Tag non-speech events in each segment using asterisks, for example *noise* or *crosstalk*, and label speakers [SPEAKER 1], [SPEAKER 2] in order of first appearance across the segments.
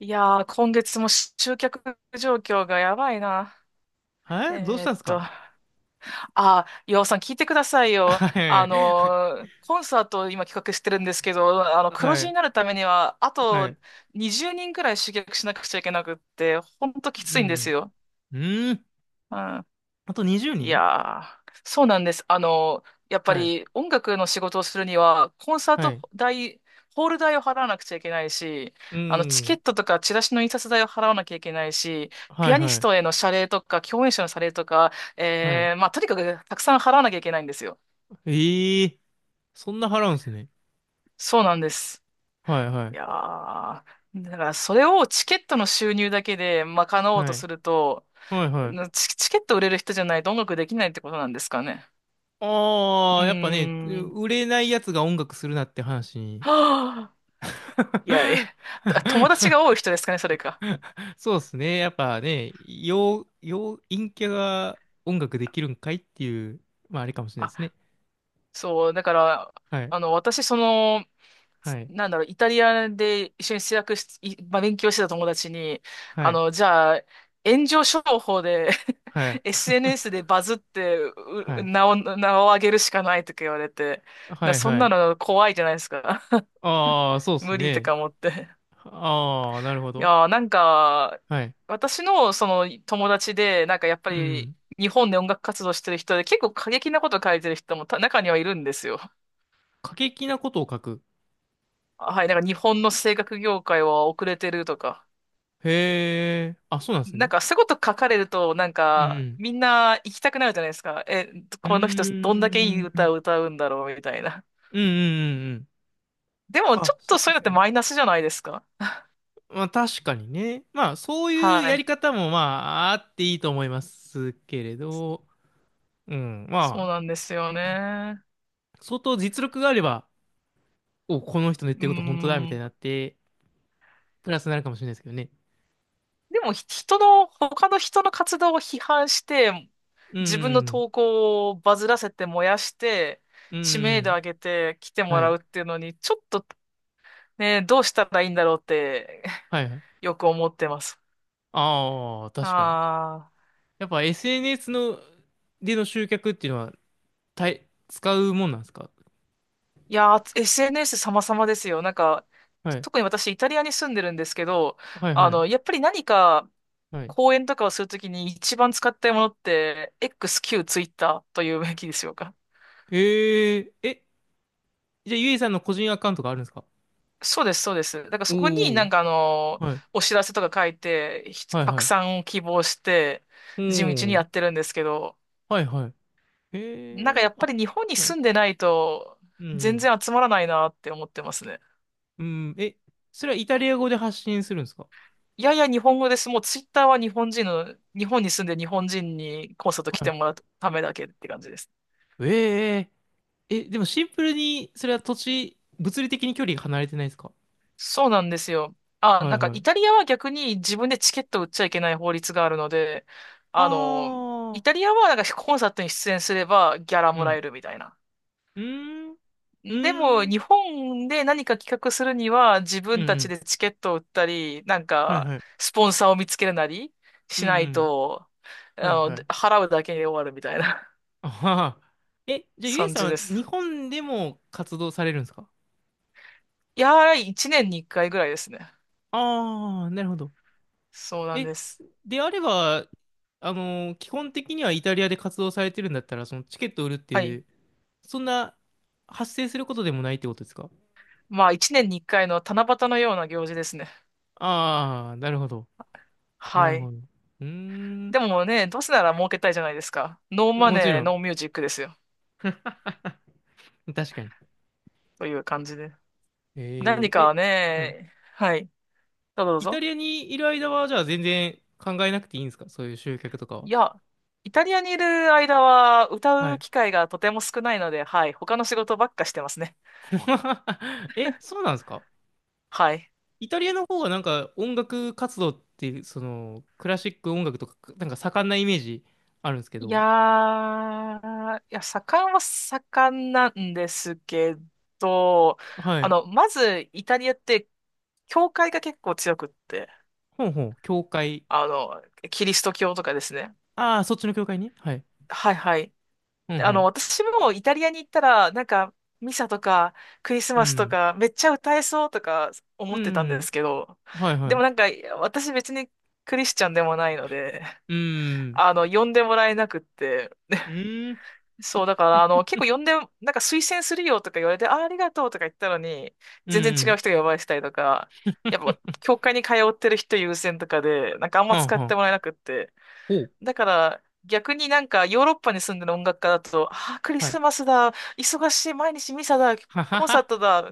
[SPEAKER 1] いやー、今月も集客状況がやばいな。
[SPEAKER 2] はい、どうし
[SPEAKER 1] えー
[SPEAKER 2] た
[SPEAKER 1] っ
[SPEAKER 2] んですか？
[SPEAKER 1] と、あ岩尾さん聞いてくださいよ。
[SPEAKER 2] はい。
[SPEAKER 1] コンサートを今企画してるんですけど、黒
[SPEAKER 2] は
[SPEAKER 1] 字に
[SPEAKER 2] い。
[SPEAKER 1] なるためには、あ
[SPEAKER 2] は
[SPEAKER 1] と
[SPEAKER 2] い。
[SPEAKER 1] 20人くらい集客しなくちゃいけなくって、ほんとき
[SPEAKER 2] う
[SPEAKER 1] ついんです
[SPEAKER 2] ん。
[SPEAKER 1] よ。
[SPEAKER 2] うーん。
[SPEAKER 1] うん。
[SPEAKER 2] あと20
[SPEAKER 1] い
[SPEAKER 2] 人
[SPEAKER 1] やー、そうなんです。やっぱ
[SPEAKER 2] はい。
[SPEAKER 1] り音楽の仕事をするには、コンサー
[SPEAKER 2] は
[SPEAKER 1] ト
[SPEAKER 2] い。
[SPEAKER 1] 代、ホール代を払わなくちゃいけないし、
[SPEAKER 2] う
[SPEAKER 1] チケ
[SPEAKER 2] ん。
[SPEAKER 1] ットとかチラシの印刷代を払わなきゃいけないし、
[SPEAKER 2] は
[SPEAKER 1] ピ
[SPEAKER 2] い、
[SPEAKER 1] アニ
[SPEAKER 2] は
[SPEAKER 1] ス
[SPEAKER 2] い。
[SPEAKER 1] トへの謝礼とか、共演者の謝礼とか、
[SPEAKER 2] はい。
[SPEAKER 1] まあ、とにかくたくさん払わなきゃいけないんですよ。
[SPEAKER 2] ええ、そんな払うんすね。
[SPEAKER 1] そうなんです。
[SPEAKER 2] はい、は
[SPEAKER 1] いやー、
[SPEAKER 2] い。
[SPEAKER 1] だからそれをチケットの収入だけで賄おうと
[SPEAKER 2] はい。
[SPEAKER 1] すると、
[SPEAKER 2] はい、はい。
[SPEAKER 1] チケット売れる人じゃないと音楽できないってことなんですかね。
[SPEAKER 2] あ
[SPEAKER 1] うー
[SPEAKER 2] あ、やっぱね、
[SPEAKER 1] ん。
[SPEAKER 2] 売れないやつが音楽するなって話に。
[SPEAKER 1] は、いや、え、*laughs* 友達が多い
[SPEAKER 2] *laughs*
[SPEAKER 1] 人ですかね、それか。
[SPEAKER 2] そうですね。やっぱね、陰キャが音楽できるんかいっていう、まああれかもしれない
[SPEAKER 1] あ、
[SPEAKER 2] ですね。
[SPEAKER 1] そう、だから、
[SPEAKER 2] はい。
[SPEAKER 1] 私、
[SPEAKER 2] はい。
[SPEAKER 1] イタリアで一緒に制作し、いまあ、勉強してた友達に、
[SPEAKER 2] はい、
[SPEAKER 1] じゃあ、炎上商法で
[SPEAKER 2] はい、
[SPEAKER 1] *laughs* SNS でバズって
[SPEAKER 2] は
[SPEAKER 1] う
[SPEAKER 2] い、
[SPEAKER 1] 名を、名を上げるしかないとか言われて、だか
[SPEAKER 2] は
[SPEAKER 1] ら
[SPEAKER 2] い、
[SPEAKER 1] そん
[SPEAKER 2] は
[SPEAKER 1] な
[SPEAKER 2] い。
[SPEAKER 1] の怖いじゃないですか。*laughs*
[SPEAKER 2] ああ、そうっす
[SPEAKER 1] 無理と
[SPEAKER 2] ね。
[SPEAKER 1] か思って。
[SPEAKER 2] ああ、なるほ
[SPEAKER 1] い
[SPEAKER 2] ど。
[SPEAKER 1] やー、なんか、
[SPEAKER 2] はい。
[SPEAKER 1] 私のその友達で、なんかやっぱ
[SPEAKER 2] う
[SPEAKER 1] り
[SPEAKER 2] ん。
[SPEAKER 1] 日本で音楽活動してる人で結構過激なこと書いてる人も中にはいるんですよ。
[SPEAKER 2] 過激なことを書く。
[SPEAKER 1] あ、はい、なんか日本の声楽業界は遅れてるとか。
[SPEAKER 2] へえ。あ、そうなんです
[SPEAKER 1] なん
[SPEAKER 2] ね。
[SPEAKER 1] かそういうこと書かれると、なん
[SPEAKER 2] う
[SPEAKER 1] か
[SPEAKER 2] ん。
[SPEAKER 1] みんな行きたくなるじゃないですか。え、
[SPEAKER 2] うん。
[SPEAKER 1] この人どんだけいい
[SPEAKER 2] うー
[SPEAKER 1] 歌
[SPEAKER 2] ん。
[SPEAKER 1] を歌うんだろうみたいな。
[SPEAKER 2] うん、うん、うんうん。
[SPEAKER 1] でもちょ
[SPEAKER 2] あ、
[SPEAKER 1] っ
[SPEAKER 2] そ
[SPEAKER 1] とそういうのっ
[SPEAKER 2] う、は
[SPEAKER 1] て
[SPEAKER 2] い。
[SPEAKER 1] マイナスじゃないですか。
[SPEAKER 2] まあ確かにね。まあそういう
[SPEAKER 1] は
[SPEAKER 2] や
[SPEAKER 1] い。
[SPEAKER 2] り方もまああっていいと思いますけれど、うん。
[SPEAKER 1] そう
[SPEAKER 2] まあ、
[SPEAKER 1] なんですよね。
[SPEAKER 2] 相当実力があれば、お、この人の言っ
[SPEAKER 1] う
[SPEAKER 2] てること本当だみ
[SPEAKER 1] ー
[SPEAKER 2] たい
[SPEAKER 1] ん。
[SPEAKER 2] になって、プラスになるかもしれないですけどね。
[SPEAKER 1] でも人の、他の人の活動を批判して、
[SPEAKER 2] う
[SPEAKER 1] 自分の
[SPEAKER 2] ん。
[SPEAKER 1] 投稿をバズらせて燃やして、
[SPEAKER 2] う
[SPEAKER 1] 知名度
[SPEAKER 2] ん。
[SPEAKER 1] 上げて来ても
[SPEAKER 2] は
[SPEAKER 1] らう
[SPEAKER 2] い。
[SPEAKER 1] っていうのに、ちょっとね、どうしたらいいんだろうって
[SPEAKER 2] はいはい。
[SPEAKER 1] *laughs* よく思ってます。
[SPEAKER 2] ああ、確かに。
[SPEAKER 1] ああ。
[SPEAKER 2] やっぱ SNS の、での集客っていうのは、使うもんなんですか？
[SPEAKER 1] いやー、SNS 様々ですよ。なんか、
[SPEAKER 2] はい。
[SPEAKER 1] 特に私イタリアに住んでるんですけど、
[SPEAKER 2] はいはい。
[SPEAKER 1] やっぱり何か
[SPEAKER 2] はい。
[SPEAKER 1] 講演とかをするときに一番使ったものって XQ、エックスキュー Twitter というべきでしょうか。
[SPEAKER 2] ええー、え、じゃあゆいさんの個人アカウントがあるんですか？
[SPEAKER 1] そうです、そうです。だから
[SPEAKER 2] お
[SPEAKER 1] そこにな
[SPEAKER 2] おー。
[SPEAKER 1] んか
[SPEAKER 2] はい。
[SPEAKER 1] お知らせとか書いて、
[SPEAKER 2] はいは
[SPEAKER 1] 拡
[SPEAKER 2] い。
[SPEAKER 1] 散を希望して、
[SPEAKER 2] お
[SPEAKER 1] 地道にや
[SPEAKER 2] お。
[SPEAKER 1] ってるんですけど、
[SPEAKER 2] はいはい。
[SPEAKER 1] なんか
[SPEAKER 2] ええ
[SPEAKER 1] や
[SPEAKER 2] ー、
[SPEAKER 1] っぱ
[SPEAKER 2] あ、
[SPEAKER 1] り日本に
[SPEAKER 2] はい。
[SPEAKER 1] 住んでないと、
[SPEAKER 2] う
[SPEAKER 1] 全
[SPEAKER 2] ん。
[SPEAKER 1] 然集まらないなって思ってますね。
[SPEAKER 2] うん。え、それはイタリア語で発信するんですか？
[SPEAKER 1] いやいや日本語です。もうツイッターは日本人の、日本に住んで日本人にコンサート来ても
[SPEAKER 2] は
[SPEAKER 1] らうためだけって感じです。
[SPEAKER 2] い。ええー、え、でもシンプルに、それは土地、物理的に距離が離れてないですか？
[SPEAKER 1] そうなんですよ。あ、
[SPEAKER 2] はい
[SPEAKER 1] なんか
[SPEAKER 2] は
[SPEAKER 1] イタ
[SPEAKER 2] い。
[SPEAKER 1] リアは逆に自分でチケット売っちゃいけない法律があるので、
[SPEAKER 2] あ
[SPEAKER 1] あの、イ
[SPEAKER 2] あ。
[SPEAKER 1] タリアはなんかコンサートに出演すればギャラ
[SPEAKER 2] う
[SPEAKER 1] もら
[SPEAKER 2] ん。
[SPEAKER 1] えるみたいな。
[SPEAKER 2] うーん。う
[SPEAKER 1] でも、
[SPEAKER 2] ーん。
[SPEAKER 1] 日本で何か企画するには、自
[SPEAKER 2] うんう
[SPEAKER 1] 分たち
[SPEAKER 2] ん。
[SPEAKER 1] でチケットを売ったり、なん
[SPEAKER 2] はい
[SPEAKER 1] か、
[SPEAKER 2] はい。
[SPEAKER 1] スポンサーを見つけるなり
[SPEAKER 2] う
[SPEAKER 1] し
[SPEAKER 2] ん
[SPEAKER 1] な
[SPEAKER 2] う
[SPEAKER 1] い
[SPEAKER 2] ん。
[SPEAKER 1] と、
[SPEAKER 2] はいはい。
[SPEAKER 1] 払うだけで終わるみたいな
[SPEAKER 2] あはは。え、
[SPEAKER 1] *laughs*
[SPEAKER 2] じゃあ、ゆえ
[SPEAKER 1] 感
[SPEAKER 2] さん
[SPEAKER 1] じで
[SPEAKER 2] は
[SPEAKER 1] す。
[SPEAKER 2] 日本でも活動されるんですか？
[SPEAKER 1] いやー、1年に1回ぐらいですね。
[SPEAKER 2] ああー、なるほど。
[SPEAKER 1] そうなん
[SPEAKER 2] え、
[SPEAKER 1] です。
[SPEAKER 2] であれば、あのー基本的にはイタリアで活動されてるんだったら、そのチケット売るって
[SPEAKER 1] は
[SPEAKER 2] い
[SPEAKER 1] い。
[SPEAKER 2] う、そんな発生することでもないってことですか？
[SPEAKER 1] まあ、1年に1回の七夕のような行事ですね。
[SPEAKER 2] ああー、なるほど。な
[SPEAKER 1] は
[SPEAKER 2] る
[SPEAKER 1] い。
[SPEAKER 2] ほど。うーん。
[SPEAKER 1] でもね、どうせなら儲けたいじゃないですか。ノーマ
[SPEAKER 2] もち
[SPEAKER 1] ネ
[SPEAKER 2] ろ
[SPEAKER 1] ー、
[SPEAKER 2] ん。
[SPEAKER 1] ノーミュージックですよ。
[SPEAKER 2] 確かに。
[SPEAKER 1] という感じで。
[SPEAKER 2] え
[SPEAKER 1] 何
[SPEAKER 2] ー、え、
[SPEAKER 1] か
[SPEAKER 2] はい。
[SPEAKER 1] ね、はい。どうぞどう
[SPEAKER 2] イタ
[SPEAKER 1] ぞ。
[SPEAKER 2] リアにいる間は、じゃあ全然考えなくていいんですか、そういう集客とかは？
[SPEAKER 1] いや、イタリアにいる間は歌
[SPEAKER 2] は
[SPEAKER 1] う
[SPEAKER 2] い。
[SPEAKER 1] 機会がとても少ないので、はい、他の仕事ばっかしてますね。
[SPEAKER 2] *laughs* え、そうなんですか？
[SPEAKER 1] はい。
[SPEAKER 2] イタリアの方がなんか音楽活動っていう、その、クラシック音楽とか、なんか盛んなイメージあるんですけ
[SPEAKER 1] いや
[SPEAKER 2] ど。
[SPEAKER 1] ー、いや、盛んは盛んなんですけど、
[SPEAKER 2] はい。
[SPEAKER 1] まずイタリアって、教会が結構強くって、
[SPEAKER 2] ほんほん、教会。
[SPEAKER 1] あの、キリスト教とかですね。
[SPEAKER 2] ああ、そっちの教会に、はい。
[SPEAKER 1] はいはい。
[SPEAKER 2] ほんほん。
[SPEAKER 1] 私もイタリアに行ったら、なんか、ミサとか、クリス
[SPEAKER 2] う
[SPEAKER 1] マスと
[SPEAKER 2] ん。
[SPEAKER 1] か、めっちゃ歌えそうとか思
[SPEAKER 2] う
[SPEAKER 1] ってたんで
[SPEAKER 2] ん。
[SPEAKER 1] すけど、
[SPEAKER 2] はいは
[SPEAKER 1] で
[SPEAKER 2] い。
[SPEAKER 1] もなんか、私別にクリスチャンでもないので、
[SPEAKER 2] う
[SPEAKER 1] *laughs*
[SPEAKER 2] ん。
[SPEAKER 1] 呼んでもらえなくって、
[SPEAKER 2] うん。
[SPEAKER 1] そう、だから、結構呼んで、なんか推薦するよとか言われて、あ、ありがとうとか言ったのに、
[SPEAKER 2] う
[SPEAKER 1] 全然違う
[SPEAKER 2] ん。
[SPEAKER 1] 人が呼ばれてたりとか、やっぱ、教会に通ってる人優先とかで、なんかあんま
[SPEAKER 2] はん
[SPEAKER 1] 使っ
[SPEAKER 2] は
[SPEAKER 1] て
[SPEAKER 2] ん。
[SPEAKER 1] もらえなくって、
[SPEAKER 2] おう。
[SPEAKER 1] だから、逆になんかヨーロッパに住んでる音楽家だと、ああ、クリ
[SPEAKER 2] はい。
[SPEAKER 1] スマスだ、忙しい、毎日ミサだ、
[SPEAKER 2] はは
[SPEAKER 1] コンサート
[SPEAKER 2] は。
[SPEAKER 1] だ。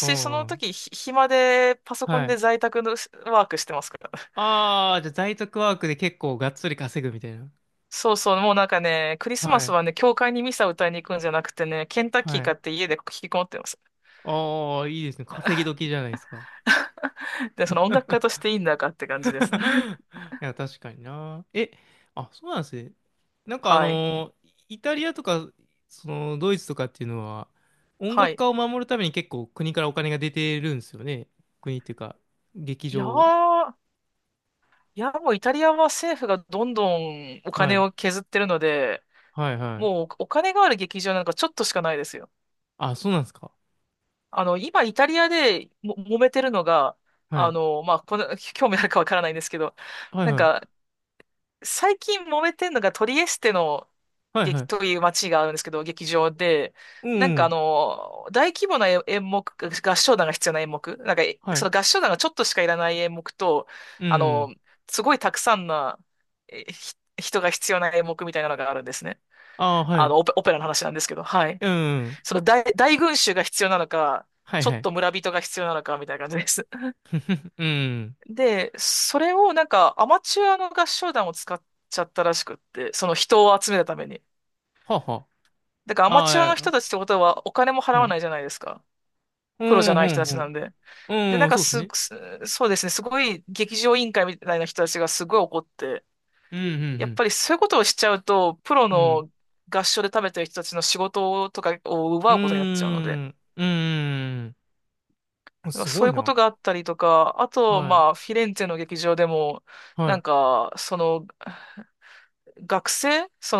[SPEAKER 2] う
[SPEAKER 1] その
[SPEAKER 2] ん。
[SPEAKER 1] 時、暇でパソコ
[SPEAKER 2] は
[SPEAKER 1] ンで
[SPEAKER 2] い。
[SPEAKER 1] 在宅のワークしてますから。
[SPEAKER 2] ああ、じゃあ在宅ワークで結構がっつり稼ぐみたいな。
[SPEAKER 1] そうそう、もうなんかね、クリスマ
[SPEAKER 2] は
[SPEAKER 1] ス
[SPEAKER 2] い。
[SPEAKER 1] はね、教会にミサ歌いに行くんじゃなくてね、ケンタッキ
[SPEAKER 2] は
[SPEAKER 1] ー
[SPEAKER 2] い。
[SPEAKER 1] 買って家で引きこもってます。
[SPEAKER 2] ああ、いいですね。稼ぎ時じゃないですか。
[SPEAKER 1] で、その音楽家としていいんだかって感じです。
[SPEAKER 2] *laughs*
[SPEAKER 1] *laughs*
[SPEAKER 2] いや、確かにな。え、あ、そうなんですね。なんかあ
[SPEAKER 1] はい。
[SPEAKER 2] のー、イタリアとか、その、ドイツとかっていうのは、音
[SPEAKER 1] は
[SPEAKER 2] 楽
[SPEAKER 1] い。
[SPEAKER 2] 家を守るために結構国からお金が出てるんですよね。国っていうか、劇
[SPEAKER 1] いや
[SPEAKER 2] 場。
[SPEAKER 1] ー、いや、もうイタリアは政府がどんどんお
[SPEAKER 2] は
[SPEAKER 1] 金
[SPEAKER 2] い。
[SPEAKER 1] を削ってるので、
[SPEAKER 2] はい、は
[SPEAKER 1] もう
[SPEAKER 2] い。
[SPEAKER 1] お金がある劇場なんかちょっとしかないですよ。
[SPEAKER 2] あ、そうなんですか。
[SPEAKER 1] 今イタリアでも揉めてるのが、
[SPEAKER 2] はい。
[SPEAKER 1] まあ、この、*laughs* 興味あるかわからないんですけど、
[SPEAKER 2] はい、
[SPEAKER 1] なん
[SPEAKER 2] は
[SPEAKER 1] か、
[SPEAKER 2] い。
[SPEAKER 1] 最近揉めてるのがトリエステの
[SPEAKER 2] はい、は
[SPEAKER 1] 劇と
[SPEAKER 2] い。
[SPEAKER 1] いう街があるんですけど、劇場で、
[SPEAKER 2] うん、
[SPEAKER 1] なん
[SPEAKER 2] う
[SPEAKER 1] か
[SPEAKER 2] ん。
[SPEAKER 1] 大規模な演目、合唱団が必要な演目、なんか、
[SPEAKER 2] は
[SPEAKER 1] そ
[SPEAKER 2] い。
[SPEAKER 1] の合唱団がちょっとしかいらない演目と、
[SPEAKER 2] うん
[SPEAKER 1] あ
[SPEAKER 2] うん。
[SPEAKER 1] の、すごいたくさんな人が必要な演目みたいなのがあるんですね。
[SPEAKER 2] ああ、はい。
[SPEAKER 1] オペラの話なんですけど、はい。
[SPEAKER 2] うん、うん。
[SPEAKER 1] 大群衆が必要なのか、
[SPEAKER 2] はい
[SPEAKER 1] ちょ
[SPEAKER 2] は
[SPEAKER 1] っ
[SPEAKER 2] い、
[SPEAKER 1] と村人が必要なのか、みたいな感じです。*laughs*
[SPEAKER 2] うん。
[SPEAKER 1] で、それをなんかアマチュアの合唱団を使っちゃったらしくって、その人を集めるために。
[SPEAKER 2] はあは
[SPEAKER 1] だからアマチュアの
[SPEAKER 2] あ。
[SPEAKER 1] 人
[SPEAKER 2] あ
[SPEAKER 1] たちってことはお金も
[SPEAKER 2] あ、
[SPEAKER 1] 払
[SPEAKER 2] は
[SPEAKER 1] わないじ
[SPEAKER 2] い。
[SPEAKER 1] ゃないですか。
[SPEAKER 2] う
[SPEAKER 1] プロじゃ
[SPEAKER 2] ん、う
[SPEAKER 1] ない人たちな
[SPEAKER 2] ん、
[SPEAKER 1] んで。
[SPEAKER 2] う
[SPEAKER 1] で、
[SPEAKER 2] ん。う
[SPEAKER 1] なん
[SPEAKER 2] ん、
[SPEAKER 1] か
[SPEAKER 2] そうです
[SPEAKER 1] す、
[SPEAKER 2] ね。
[SPEAKER 1] すそうですね、すごい劇場委員会みたいな人たちがすごい怒って、
[SPEAKER 2] うん、う
[SPEAKER 1] やっ
[SPEAKER 2] ん、
[SPEAKER 1] ぱりそういうことをしちゃうと、プロ
[SPEAKER 2] うん。う
[SPEAKER 1] の合唱で食べてる人たちの仕事とかを
[SPEAKER 2] ん。う
[SPEAKER 1] 奪うことになっちゃうので、
[SPEAKER 2] ーん。うーん。
[SPEAKER 1] なんか
[SPEAKER 2] す
[SPEAKER 1] そ
[SPEAKER 2] ご
[SPEAKER 1] うい
[SPEAKER 2] い
[SPEAKER 1] うこ
[SPEAKER 2] な。
[SPEAKER 1] とがあったりとか、あと、
[SPEAKER 2] はい。
[SPEAKER 1] まあ、フィレンツェの劇場でも、
[SPEAKER 2] は
[SPEAKER 1] なん
[SPEAKER 2] い。
[SPEAKER 1] か、その、学生、そ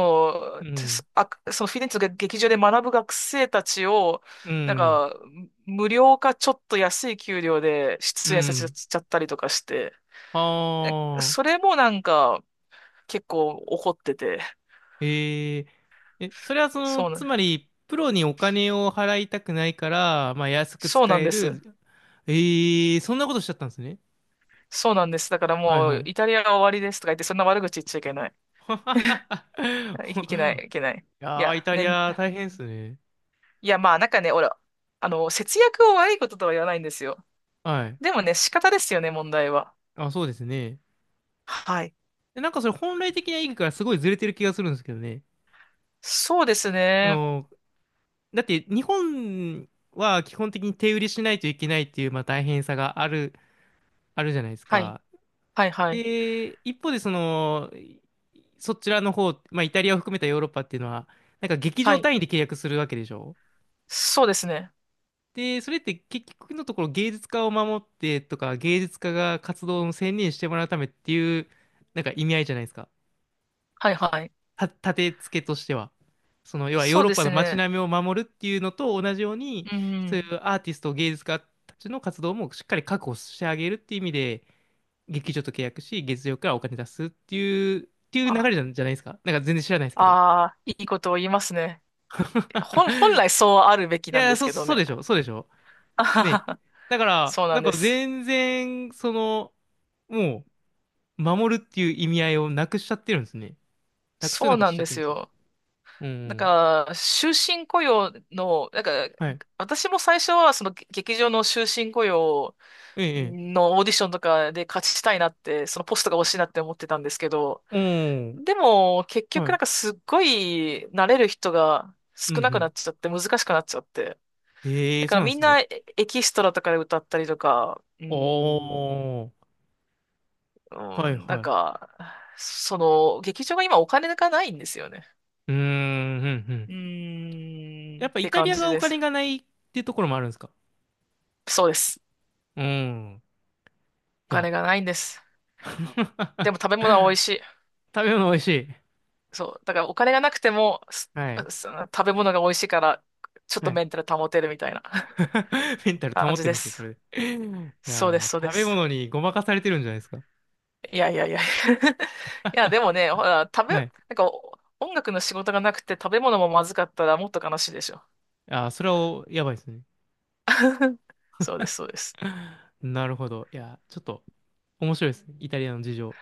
[SPEAKER 2] う
[SPEAKER 1] の、て
[SPEAKER 2] ん。
[SPEAKER 1] すあ、そのフィレンツェの劇場で学ぶ学生たちを、
[SPEAKER 2] う
[SPEAKER 1] なん
[SPEAKER 2] ん。
[SPEAKER 1] か、無料かちょっと安い給料で
[SPEAKER 2] う
[SPEAKER 1] 出演させ
[SPEAKER 2] ん。
[SPEAKER 1] ちゃったりとかして、
[SPEAKER 2] あ
[SPEAKER 1] それ
[SPEAKER 2] あ。
[SPEAKER 1] もなんか、結構怒ってて、
[SPEAKER 2] ええ。え、それはその、
[SPEAKER 1] そうな、
[SPEAKER 2] つまり、プロにお金を払いたくないから、まあ、安く
[SPEAKER 1] そう
[SPEAKER 2] 使
[SPEAKER 1] なん
[SPEAKER 2] え
[SPEAKER 1] です。
[SPEAKER 2] る。ええ、そんなことしちゃったんですね。
[SPEAKER 1] そうなんです。だから
[SPEAKER 2] はい、
[SPEAKER 1] も
[SPEAKER 2] は
[SPEAKER 1] う、
[SPEAKER 2] い。
[SPEAKER 1] イタ
[SPEAKER 2] *laughs*
[SPEAKER 1] リアは終わりですとか言って、そんな悪口言っちゃいけない。いけない。
[SPEAKER 2] い
[SPEAKER 1] い
[SPEAKER 2] や
[SPEAKER 1] や、
[SPEAKER 2] ー、イタリ
[SPEAKER 1] ね、
[SPEAKER 2] ア大変ですね。
[SPEAKER 1] いや、まあ、なんかね、俺、節約を悪いこととは言わないんですよ。
[SPEAKER 2] はい。
[SPEAKER 1] でもね、仕方ですよね、問題は。
[SPEAKER 2] あ、そうですね。
[SPEAKER 1] はい。
[SPEAKER 2] でなんかそれ本来的な意義からすごいずれてる気がするんですけどね。
[SPEAKER 1] そうです
[SPEAKER 2] あ
[SPEAKER 1] ね。
[SPEAKER 2] の、だって日本は基本的に手売りしないといけないっていう、まあ、大変さがある、あるじゃないです
[SPEAKER 1] はい。
[SPEAKER 2] か。
[SPEAKER 1] はい、はい。
[SPEAKER 2] で、一方でその、そちらの方、まあ、イタリアを含めたヨーロッパっていうのは、なんか劇
[SPEAKER 1] は
[SPEAKER 2] 場
[SPEAKER 1] い。
[SPEAKER 2] 単位で契約するわけでしょ。
[SPEAKER 1] そうですね。
[SPEAKER 2] で、それって結局のところ芸術家を守ってとか、芸術家が活動を専念してもらうためっていう、なんか意味合いじゃないですか。
[SPEAKER 1] はい、はい。
[SPEAKER 2] 立て付けとしては。その、要はヨー
[SPEAKER 1] そう
[SPEAKER 2] ロッ
[SPEAKER 1] で
[SPEAKER 2] パ
[SPEAKER 1] す
[SPEAKER 2] の街
[SPEAKER 1] ね。
[SPEAKER 2] 並みを守るっていうのと同じように、
[SPEAKER 1] う
[SPEAKER 2] そうい
[SPEAKER 1] ん。
[SPEAKER 2] うアーティスト、芸術家たちの活動もしっかり確保してあげるっていう意味で、劇場と契約し、月曜からお金出すっていう、流れ
[SPEAKER 1] あ、
[SPEAKER 2] じゃないですか。なんか全然知らないですけど。
[SPEAKER 1] あー、いいことを言いますね。本
[SPEAKER 2] *laughs*
[SPEAKER 1] 来そうあるべき
[SPEAKER 2] い
[SPEAKER 1] なんで
[SPEAKER 2] や、
[SPEAKER 1] すけど
[SPEAKER 2] そう
[SPEAKER 1] ね。
[SPEAKER 2] でしょ、そうでしょ。
[SPEAKER 1] *laughs* あはは
[SPEAKER 2] ね。
[SPEAKER 1] は
[SPEAKER 2] だから、
[SPEAKER 1] そうな
[SPEAKER 2] なん
[SPEAKER 1] んで
[SPEAKER 2] か
[SPEAKER 1] す。
[SPEAKER 2] 全然、その、もう、守るっていう意味合いをなくしちゃってるんですね。なくすよう
[SPEAKER 1] そう
[SPEAKER 2] なこと
[SPEAKER 1] な
[SPEAKER 2] し
[SPEAKER 1] ん
[SPEAKER 2] ちゃっ
[SPEAKER 1] で
[SPEAKER 2] てるん
[SPEAKER 1] す
[SPEAKER 2] ですよ。
[SPEAKER 1] よ。
[SPEAKER 2] う
[SPEAKER 1] だ
[SPEAKER 2] ん。
[SPEAKER 1] から、終身雇用の、なんか、
[SPEAKER 2] はい。
[SPEAKER 1] 私も最初はその劇場の終身雇用
[SPEAKER 2] ええ、
[SPEAKER 1] のオーディションとかで勝ちたいなって、そのポストが欲しいなって思ってたんですけど、
[SPEAKER 2] ええ。うん。
[SPEAKER 1] でも結
[SPEAKER 2] は
[SPEAKER 1] 局なん
[SPEAKER 2] い。
[SPEAKER 1] かすっごい慣れる人が
[SPEAKER 2] うんう
[SPEAKER 1] 少なくなっ
[SPEAKER 2] ん。
[SPEAKER 1] ちゃって難しくなっちゃって。
[SPEAKER 2] え
[SPEAKER 1] だ
[SPEAKER 2] え、
[SPEAKER 1] か
[SPEAKER 2] そ
[SPEAKER 1] ら
[SPEAKER 2] うなんで
[SPEAKER 1] みん
[SPEAKER 2] す
[SPEAKER 1] な
[SPEAKER 2] ね。
[SPEAKER 1] エキストラとかで歌ったりとか、うん、
[SPEAKER 2] おー。は
[SPEAKER 1] う
[SPEAKER 2] い
[SPEAKER 1] ん、な
[SPEAKER 2] は
[SPEAKER 1] ん
[SPEAKER 2] い。う
[SPEAKER 1] か、その劇場が今お金がないんですよね。
[SPEAKER 2] ーん、うんうん。
[SPEAKER 1] うーん、
[SPEAKER 2] やっ
[SPEAKER 1] っ
[SPEAKER 2] ぱイ
[SPEAKER 1] て
[SPEAKER 2] タリ
[SPEAKER 1] 感
[SPEAKER 2] ア
[SPEAKER 1] じ
[SPEAKER 2] がお
[SPEAKER 1] です。
[SPEAKER 2] 金がないっていうところもあるんですか？
[SPEAKER 1] そうです。
[SPEAKER 2] うん。
[SPEAKER 1] お
[SPEAKER 2] いや。
[SPEAKER 1] 金がないんです。でも
[SPEAKER 2] *laughs*
[SPEAKER 1] 食べ物は美味しい。
[SPEAKER 2] 食べ物美味しい。
[SPEAKER 1] そう。だからお金がなくても、す
[SPEAKER 2] はい。
[SPEAKER 1] す食べ物が美味しいから、ちょっ
[SPEAKER 2] は
[SPEAKER 1] と
[SPEAKER 2] い。
[SPEAKER 1] メンタル保てるみたいな
[SPEAKER 2] *laughs* メンタ
[SPEAKER 1] *laughs*
[SPEAKER 2] ル保
[SPEAKER 1] 感
[SPEAKER 2] っ
[SPEAKER 1] じ
[SPEAKER 2] てる
[SPEAKER 1] で
[SPEAKER 2] んですよ、そ
[SPEAKER 1] す。
[SPEAKER 2] れで。い
[SPEAKER 1] そ
[SPEAKER 2] や
[SPEAKER 1] うです、
[SPEAKER 2] ー、
[SPEAKER 1] そうで
[SPEAKER 2] 食べ
[SPEAKER 1] す。
[SPEAKER 2] 物にごまかされてるんじゃないですか。
[SPEAKER 1] いやいやいや *laughs* いや、
[SPEAKER 2] *laughs*
[SPEAKER 1] でもね、ほら、な
[SPEAKER 2] はい。
[SPEAKER 1] んか音楽の仕事がなくて食べ物もまずかったらもっと悲しいでしょ。
[SPEAKER 2] あー、それはやばいですね。
[SPEAKER 1] そうです、そうです。
[SPEAKER 2] なるほど。いやー、ちょっと面白いですね。イタリアの事情。